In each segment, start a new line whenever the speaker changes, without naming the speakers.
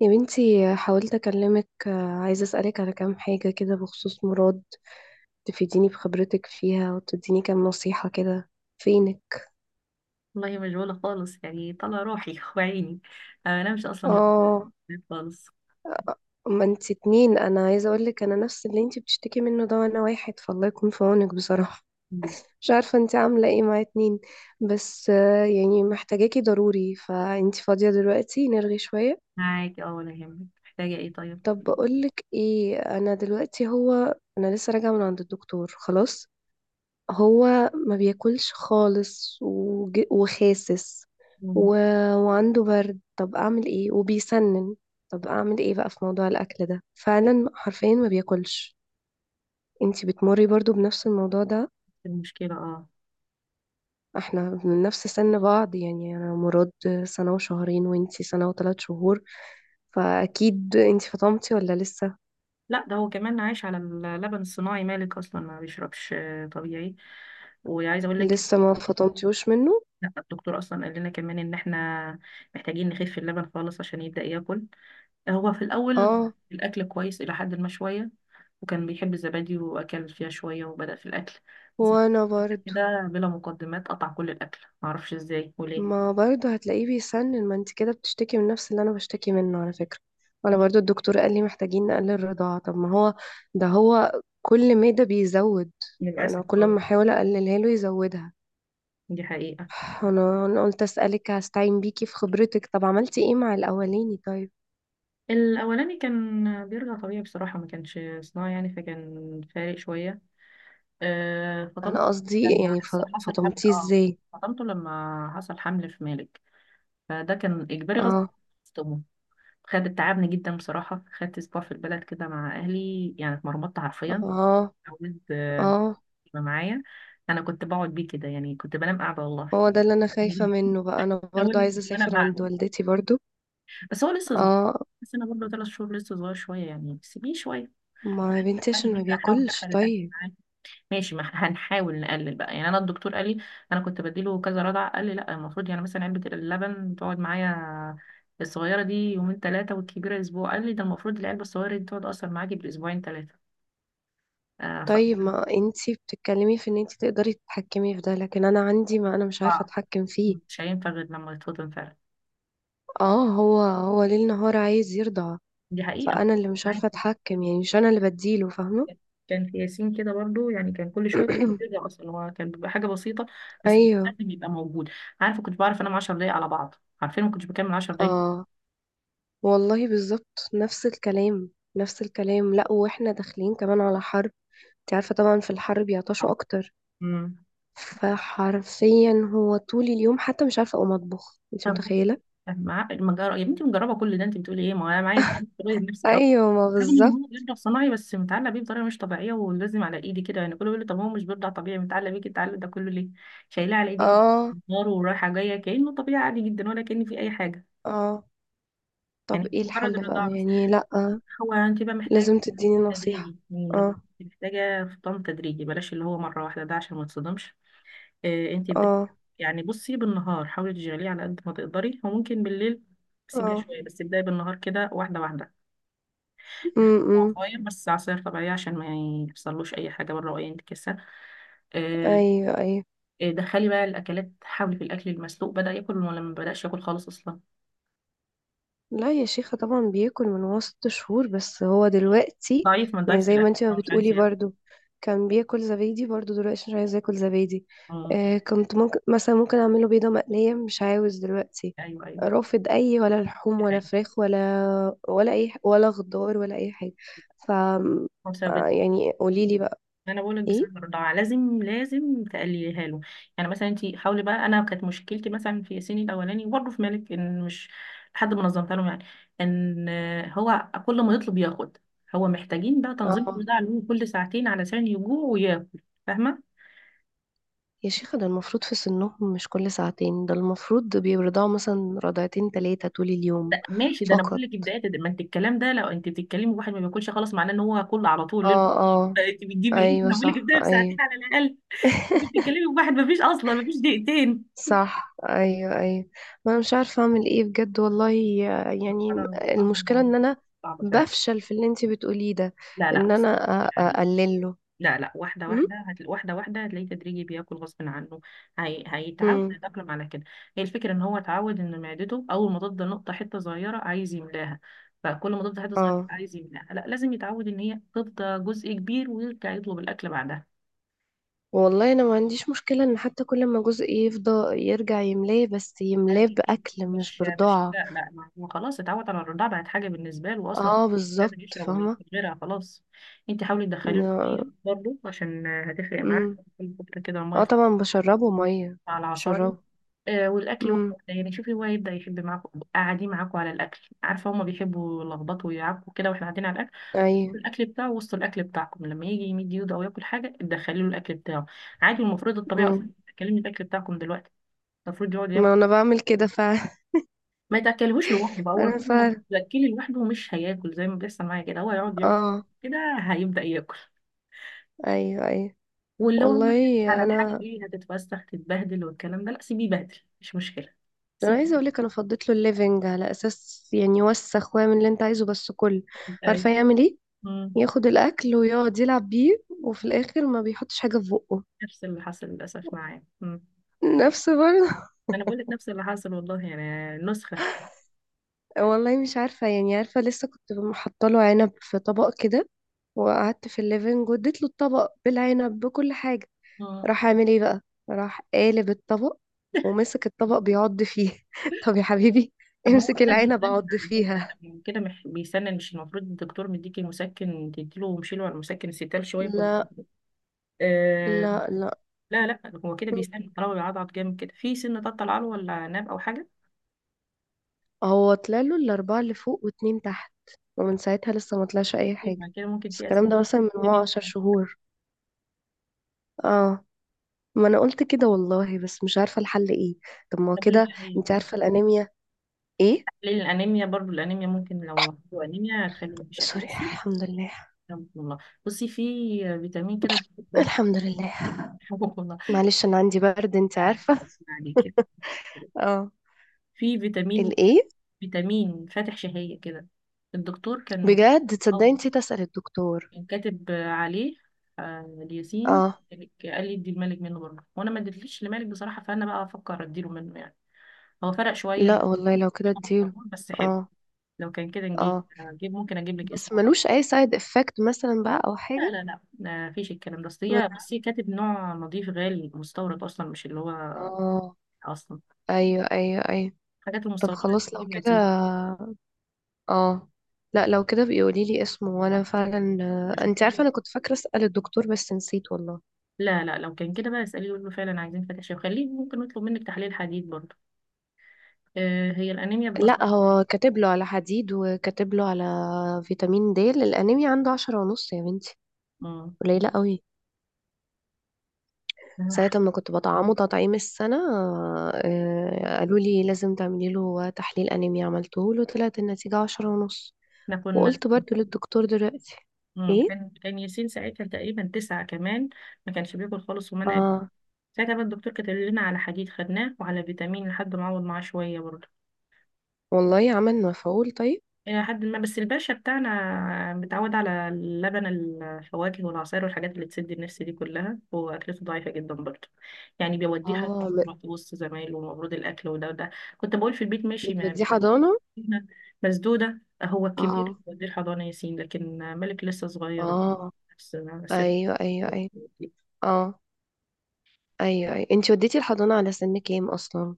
يا بنتي، حاولت أكلمك عايزة أسألك على كام حاجة كده بخصوص مراد. تفيديني بخبرتك فيها وتديني كام نصيحة كده. فينك؟
والله مشغولة خالص، يعني طلع روحي وعيني. أنا مش أصلا يوم
اه،
خالص.
ما انتي اتنين، أنا عايزة أقولك أنا نفس اللي انتي بتشتكي منه ده، وأنا واحد، فالله يكون في عونك بصراحة.
مم.
مش عارفة انتي عاملة ايه مع اتنين. بس يعني محتاجاكي ضروري، فانتي فاضية دلوقتي نرغي شوية.
معاك اه، ولا يهمك، محتاجة ايه طيب؟
طب بقولك ايه، أنا دلوقتي، هو أنا لسه راجعة من عند الدكتور خلاص. هو ما بياكلش خالص وخاسس و...
مم.
وعنده برد، طب اعمل ايه؟ وبيسنن. طب اعمل ايه بقى في موضوع الاكل ده؟ فعلا حرفيا ما بياكلش. انتي بتمري برضو بنفس الموضوع ده؟
المشكلة اه.
احنا من نفس سن بعض، يعني انا مراد سنة وشهرين، وانتي سنة وثلاث شهور، فاكيد انتي فطمتي ولا لسه؟
لا، ده هو كمان عايش على اللبن الصناعي، مالك أصلا ما بيشربش طبيعي. وعايزة أقول لك،
لسه ما فطمتيوش منه.
لا، الدكتور أصلا قال لنا كمان إن احنا محتاجين نخف اللبن خالص عشان يبدأ ياكل. هو في الأول
اه.
الأكل كويس إلى حد ما شوية، وكان بيحب الزبادي وأكل فيها شوية وبدأ في الأكل، بس
وانا برضو.
كده بلا مقدمات قطع كل الأكل، معرفش ازاي وليه.
ما برضه هتلاقيه بيسنن، ما انت كده بتشتكي من نفس اللي انا بشتكي منه على فكرة. وانا برضه الدكتور قال لي محتاجين نقلل الرضاعة، طب ما هو ده هو كل مادة بيزود. انا
للأسف
كل
اه.
ما احاول اقللها له يزودها.
دي حقيقة.
انا قلت اسالك، هستعين بيكي في خبرتك. طب عملتي ايه مع الاولاني طيب؟
الأولاني كان بيرجع طبيعي بصراحة، ما كانش صناعي يعني، فكان فارق شوية. أه فطمته
انا قصدي
لما
يعني
حصل حمل
فطمتيه
اه.
ازاي؟
فطمته لما حصل حمل في مالك، فده كان إجباري غصب
اه،
عنه. خد تعبني جدا بصراحة، خدت أسبوع في البلد كده مع أهلي يعني اتمرمطت حرفيا.
اه،
عاوز
اه.
يبقى معايا. أنا كنت بقعد بيه كده، يعني كنت بنام قاعدة والله.
هو ده اللي انا خايفة منه بقى، انا برضه
حاولت
عايزة
ان انا
اسافر عند
بعد،
والدتي برضه.
بس هو لسه صغير.
اه،
بس انا برضه 3 شهور لسه صغير شويه، يعني سيبيه شويه.
ما يا بنتي
خلي
عشان ما
البيت احاول ادخل
بياكلش
الاكل
طيب.
معاه. ماشي، ما ح- هنحاول نقلل بقى، يعني انا الدكتور قال لي، انا كنت بديله كذا رضع، قال لي لا، المفروض يعني مثلا علبه اللبن تقعد معايا الصغيره دي يومين 3 والكبيره اسبوع. قال لي ده المفروض العلبه الصغيره دي تقعد اصلا معاكي بالاسبوعين 3. آه ف...
طيب، ما انتي بتتكلمي في ان انتي تقدري تتحكمي في ده، لكن انا عندي، ما انا مش عارفة
صعب.
اتحكم فيه.
مش هينفع غير لما تتفضل فعلا.
اه، هو ليل نهار عايز يرضع.
دي حقيقه.
فانا اللي مش
معاك.
عارفة اتحكم، يعني مش انا اللي بديله، فاهمة؟
كان في ياسين كده برضو، يعني كان كل شويه بيرجع، اصلا هو كان بيبقى حاجه بسيطه، بس
ايوه.
لازم يبقى موجود. عارفه كنت بعرف انام 10 دقايق على بعض، عارفين ما كنتش بكمل 10 دقايق.
اه، والله بالظبط نفس الكلام. نفس الكلام، لا، واحنا داخلين كمان على حرب. انت عارفة طبعا في الحرب بيعطشوا اكتر.
امم.
فحرفيا هو طول اليوم، حتى مش عارفة اقوم اطبخ، انت
طب
متخيلة؟
مع المجرة، يا بنتي مجربه كل ده، انت بتقولي ايه، ما هو انا معايا. تغير نفسك او،
ايوه، ما
رغم ان هو
بالظبط.
بيرضع صناعي بس متعلق بيه بطريقه مش طبيعيه، ولازم على ايدي كده، يعني كله بيقول لي طب هو مش بيرضع طبيعي متعلق بيك التعلق ده كله ليه؟ شايلاه على ايدي كده،
اه،
نار، ورايحه جايه كانه طبيعي عادي جدا، ولا كان في اي حاجه.
اه.
يعني
طب
مش
ايه
مجرد
الحل بقى
الرضاعه بس،
يعني؟ لأ،
هو انت بقى محتاج
لازم تديني نصيحة.
تدريجي
اه،
يعني، محتاجة فطام تدريجي، بلاش اللي هو مرة واحدة ده عشان ما تصدمش. آه انتي بدأ،
اه،
يعني بصي بالنهار حاولي تشغليه على قد ما تقدري، وممكن بالليل سيبيه
اه،
شوية، بس ابدأي بالنهار كده واحدة واحدة.
امم.
عصاير، بس عصاير طبيعية عشان ما يحصلوش أي حاجة بره وأي انتكاسة. آه.
ايوه، ايوه.
دخلي بقى الأكلات، حاولي في الأكل المسلوق، بدأ ياكل ولا ما بدأش ياكل خالص أصلا؟
لا يا شيخة، طبعا بياكل من هو 6 شهور، بس هو دلوقتي
ضعيف، ما
يعني
ضعيف في
زي ما
الأكل،
انت ما
هو مش عايز
بتقولي
ياكل.
برضو، كان بياكل زبادي برضو، دلوقتي مش عايز ياكل زبادي.
مم.
آه، كنت ممكن مثلا ممكن اعمله بيضة مقلية، مش عاوز دلوقتي.
أيوه أيوه.
رافض، اي ولا لحوم ولا
دي
فراخ، ولا ولا اي ولا خضار ولا اي حاجة. ف
حقيقة.
يعني قوليلي بقى.
انا بقول لك
ايه؟
بسبب الرضاعه، لازم لازم تقلليها له. يعني مثلا انت حاولي بقى، انا كانت مشكلتي مثلا في ياسين الاولاني وبرضه في مالك ان مش لحد ما نظمتها لهم يعني. ان هو كل ما يطلب ياخد، هو محتاجين بقى تنظيم
اه.
الرضاعه له كل ساعتين علشان يجوع وياكل، فاهمه؟
يا شيخة، ده المفروض في سنهم مش كل ساعتين، ده المفروض بيرضعوا مثلا رضعتين تلاتة طول اليوم
ده ماشي، ده انا بقول
فقط.
لك بدايه، ما انت الكلام ده لو انت بتتكلمي واحد ما بياكلش خلاص، معناه ان هو كله على طول ليه.
اه، اه،
انت بتجيبي ايه؟
ايوه،
انا بقول لك
صح،
ابداي بساعتين
ايوه.
على الاقل. انت بتتكلمي بواحد ما فيش اصلا، ما فيش دقيقتين.
صح، ايوه، ايوه. ما انا مش عارفه اعمل ايه بجد والله، يعني
انا
المشكله
صعبه،
ان انا
صعبه فعلا.
بفشل في اللي انتي بتقوليه ده،
لا لا
ان
بس،
انا
مش عليه.
اقلله.
لا لا، واحدة
امم،
واحدة واحدة واحدة هتلاقيه تدريجي بياكل غصب عنه. هيتعود،
امم.
يتأقلم على كده. هي الفكرة ان هو اتعود ان معدته، اول ما تفضل نقطة حتة صغيرة عايز يملاها، فكل ما تفضل حتة صغيرة
اه،
عايز يملاها، لا لازم يتعود ان هي تفضى جزء كبير ويرجع يطلب الأكل بعدها.
والله انا ما عنديش مشكله ان حتى كل ما جزء يفضى يرجع يملاه، بس يملاه
هي كده.
باكل مش
مش
برضاعه.
لا لا، ما هو خلاص اتعود على الرضاعة، بقت حاجة بالنسبة له أصلا،
اه،
مش
بالظبط،
قادر يشرب ولا
فاهمه.
ياكل غيرها خلاص. انت حاولي تدخلي له ميه
يا-
برضه عشان هتفرق
مم.
معاه، كل فترة كده
اه،
الميه
طبعا بشربه ميه،
على العصاير.
بشربه.
والاكل واحد
امم.
يعني، شوفي هو يبدا يحب معاكم قاعدين معاكم على الاكل، عارفه هما بيحبوا يلخبطوا ويعكوا كده واحنا قاعدين على الاكل،
ايوه.
الاكل بتاعه وسط الاكل بتاعكم، لما يجي يمد ايده او ياكل حاجه تدخلي له الاكل بتاعه، عادي. المفروض الطبيعه
امم.
اصلا تاكلني الاكل بتاعكم دلوقتي، المفروض يقعد ياكل.
ما انا بعمل كده فعلا.
ما تاكلهوش لوحده بقى، هو
انا
طول ما
فعلا.
تاكلي لوحده مش هياكل، زي ما بيحصل معايا كده، هو يقعد ياكل
اه،
كده هيبدا ياكل.
ايوه، ايوه.
واللي هو ما
والله
تخافيش على الحاجه
انا
دي هتتوسخ تتبهدل والكلام ده، لا سيبيه يبهدل مش مشكله،
انا
سيبيه.
عايزه اقول لك، انا فضيت له الليفنج على اساس يعني يوسخ ويعمل اللي انت عايزه، بس كله
أيوة.
عارفه يعمل ايه،
مم.
ياخد الاكل ويقعد يلعب بيه، وفي الاخر ما بيحطش حاجه في بقه.
نفس اللي حصل للأسف معايا. مم.
نفس برضه.
أنا بقول لك نفس اللي حصل، والله يعني نسخة.
والله مش عارفة، يعني عارفة لسه كنت محطة له عنب في طبق كده، وقعدت في الليفينج واديت له الطبق بالعنب بكل حاجة.
مم.
راح عامل ايه بقى؟ راح قالب الطبق، ومسك الطبق بيعض فيه طب يا حبيبي،
طب ما هو
امسك
كده
العنب
بيتسنن
اعض
على فكرة،
فيها.
طب ما هو كده بيسنن، مش المفروض الدكتور مديكي مسكن تديله ومشيله على المسكن الستال شوية كل
لا،
فترة؟ آه.
لا، لا،
لا لا، هو كده بيسنن طالما بيعضعض جامد كده، في سن تطلع له ولا ناب أو حاجة؟
هو طلع له الأربعة اللي فوق واتنين تحت، ومن ساعتها لسه ما طلعش أي حاجة،
ما كده ممكن
بس
في
الكلام
أسنان.
ده مثلا من هو عشر
سن-
شهور اه، ما أنا قلت كده والله، بس مش عارفة الحل ايه. طب ما هو
طب أقول لك،
كده،
لا، هي
انت
في
عارفة الأنيميا؟ ايه؟
تحليل الأنيميا برضو، الأنيميا ممكن لو عنده أنيميا هتخليه بشكل،
سوري،
بصي
الحمد لله.
يا رب والله. بصي في فيتامين كده.
الحمد لله. معلش، انا عندي برد، انت عارفه.
عليه كده،
اه.
في فيتامين،
الايه؟
فيتامين فاتح شهية كده، الدكتور كان،
بجد، تصدقي
أو
نسيت اسال الدكتور.
كان كاتب عليه الياسين،
اه.
قال لي ادي الملك منه برضه، وانا ما اديتليش لمالك بصراحه، فانا بقى افكر اديله منه يعني. هو فرق شويه مع
لا والله لو كده
مع
اديله.
الفرمون، بس حلو.
اه،
لو كان كده نجيب
اه،
نجيب ممكن اجيب لك
بس
اسمه بقى.
ملوش اي سايد افكت مثلا بقى او
لا
حاجه؟
لا لا، ما فيش الكلام ده، اصل
بجد؟
هي بس هي كاتب نوع نظيف غالي مستورد، اصلا مش اللي هو
اه،
اصلا
ايوه، ايوه، ايوه.
الحاجات
طب
المستورده دي
خلاص لو
بتجيب
كده،
نتيجه.
اه، لا لو كده بيقولي لي اسمه، وانا
طب
فعلا انت
اشوفه.
عارفه انا كنت فاكره اسال الدكتور بس نسيت والله.
لا لا، لو كان كده بقى اسأليه وقولي له فعلا عايزين فتاشير، وخليه ممكن نطلب منك تحليل حديد برضه. آه هي الأنيميا بتأثر.
لا، هو كاتب له على حديد، وكاتب له على فيتامين د، الانيميا عنده 10 ونص يا بنتي،
مم.
قليله قوي.
احنا
ساعة ما كنت بطعمه تطعيم السنة، قالوا لي لازم تعملي له تحليل أنيميا، عملته له، طلعت النتيجة 10 ونص.
كنا.
وقلت برضو للدكتور دلوقتي.
مم.
ايه؟
كان ياسين ساعتها تقريبا تسعة، كمان ما كانش بياكل خالص ومنع.
اه،
ساعتها بقى الدكتور كتب لنا على حديد خدناه وعلى فيتامين لحد ما عوض معاه شوية برضه
والله عمل مفعول طيب.
إلى حد ما. بس الباشا بتاعنا متعود على اللبن، الفواكه والعصائر والحاجات اللي تسد النفس دي كلها، هو أكلته ضعيفة جدا برضه. يعني بيوديه حاجات
اه،
وسط زمايله، ومفروض الأكل وده وده. كنت بقول في البيت ماشي، ما
بتوديه حضانة؟
مسدودة، هو الكبير
اه،
بيوديه الحضانة ياسين، لكن ملك لسه صغير.
اه،
بس- بس-
ايوه، ايوه، ايوه، اه، ايوه، ايوه، انتي وديتي الحضانة على سن كام اصلا؟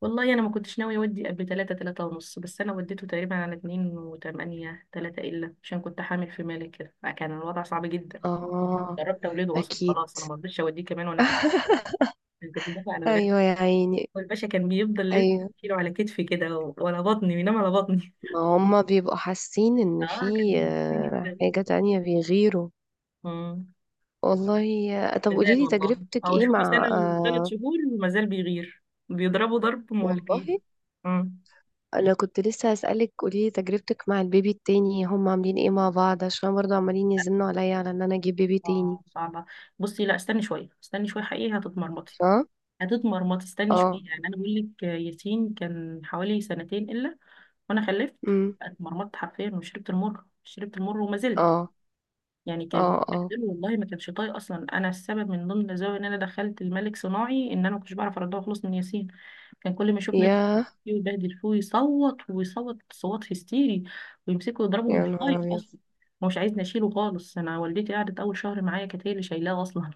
والله أنا ما كنتش ناوي أودي قبل 3-3 ونص، بس أنا وديته تقريبا على 2 و8 3 إلا، عشان كنت حامل في مالك كده فكان الوضع صعب جدا.
اه،
دربت اولاده اصلا،
اكيد.
خلاص انا ما رضيتش اوديه كمان وانا حب، كنت دافع على ولاد.
ايوه يا عيني.
والباشا كان بيفضل لسه
ايوه،
يشيله على كتفي كده وعلى بطني، بينام على بطني.
ما هما بيبقوا حاسين ان
اه كان
في
بيسي جدا.
حاجة تانية بيغيروا.
امم.
والله. طب
مازال
قوليلي
والله،
تجربتك
او
ايه
شوفي سنه
مع
وثلاث شهور ومازال بيغير، بيضربوا ضرب مولكي.
والله
امم.
انا كنت لسه هسألك، قوليلي تجربتك مع البيبي التاني، هما عاملين ايه مع بعض؟ عشان برضه عمالين يزنوا عليا على ان انا اجيب بيبي تاني.
اه صعبه، بصي لا استني شويه، استني شويه، حقيقي هتتمرمطي،
اه،
هتتمرمطي. استني
اه،
شويه يعني، انا بقول لك ياسين كان حوالي سنتين الا وانا خلفت،
امم،
اتمرمطت حرفيا وشربت المر، شربت المر وما زلت.
اه،
يعني
اه،
كان
اه،
بهدله والله، ما كانش طايق اصلا، انا السبب من ضمن الاسباب ان انا دخلت الملك صناعي، ان انا ما كنتش بعرف اردها خالص من ياسين، كان كل ما يشوفني يضرب
يا
فيه ويبهدل فيه ويصوت ويصوت صوت هستيري، ويمسكه يضربه،
يا
مش
نهار
طايق
ابيض،
اصلا. هو مش عايزني اشيله خالص، انا والدتي قعدت أول شهر معايا، كانت هي اللي شايلاه اصلا،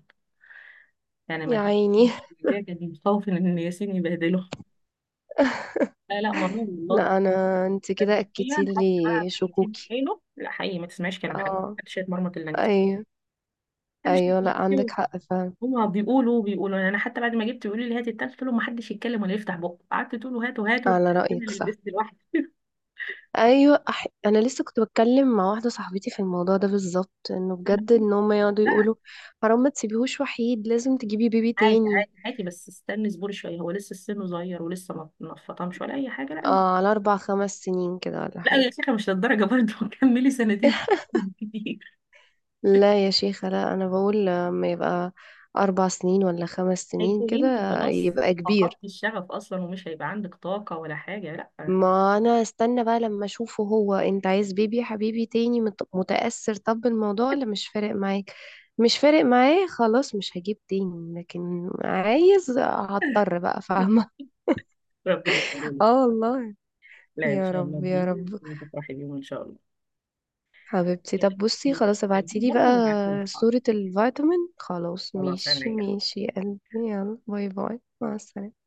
يعني ما
يا
كانت،
عيني.
كانت مستوفن ان ياسين يبهدله. لا لا مرور والله.
لا، انا، انت
كان
كده
شويه
اكدتي
لحد بقى
لي
ما ياسين في
شكوكي.
حيله، لا حقيقي ما تسمعيش كلام حد،
اه،
محدش يتمرمط الا انت،
ايوه،
محدش.
ايوه، لا عندك حق فعلا.
هما بيقولوا بيقولوا، يعني انا حتى بعد ما جبت بيقولوا لي هاتي التالت، قلت لهم ما حدش يتكلم ولا يفتح بقه، قعدت تقول له هاتوا هاتوا في
على
الآخر انا
رأيك،
اللي
صح.
لبست لوحدي.
ايوه، انا لسه كنت بتكلم مع واحده صاحبتي في الموضوع ده بالظبط، انه
أنا
بجد، ان هم يقعدوا
بقى،
يقولوا حرام، ما تسيبيهوش وحيد، لازم تجيبي بيبي
عادي
تاني.
عادي عادي، بس استني، اصبري شويه، هو لسه سنه صغير، ولسه ما اتفطمش ولا اي حاجه، لا اصبري.
على اربع خمس سنين كده ولا
لا
حاجه؟
يا شيخه مش للدرجه برضه كملي 2 سنة، كتير.
لا يا شيخه، لا انا بقول لما يبقى 4 سنين ولا 5 سنين
هيكون
كده
انت خلاص
يبقى كبير.
فقدتي الشغف اصلا، ومش هيبقى عندك طاقه ولا حاجه، لا.
ما انا استنى بقى لما اشوفه، هو انت عايز بيبي يا حبيبي تاني؟ متأثر طب بالموضوع ولا مش فارق معاك؟ مش فارق معايا خلاص، مش هجيب تاني، لكن عايز، هضطر بقى، فاهمة؟
ربنا يخليك.
اه والله.
لا ان
يا
شاء الله،
رب، يا
دي
رب.
وتفرحي بيهم ان شاء الله.
حبيبتي،
هجيب
طب بصي خلاص
لك
ابعتيلي بقى
برضه، هبعتهولك حاضر.
صورة الفيتامين. خلاص،
خلاص
ماشي،
انا
ماشي يا قلبي. يلا، باي باي، مع السلامة.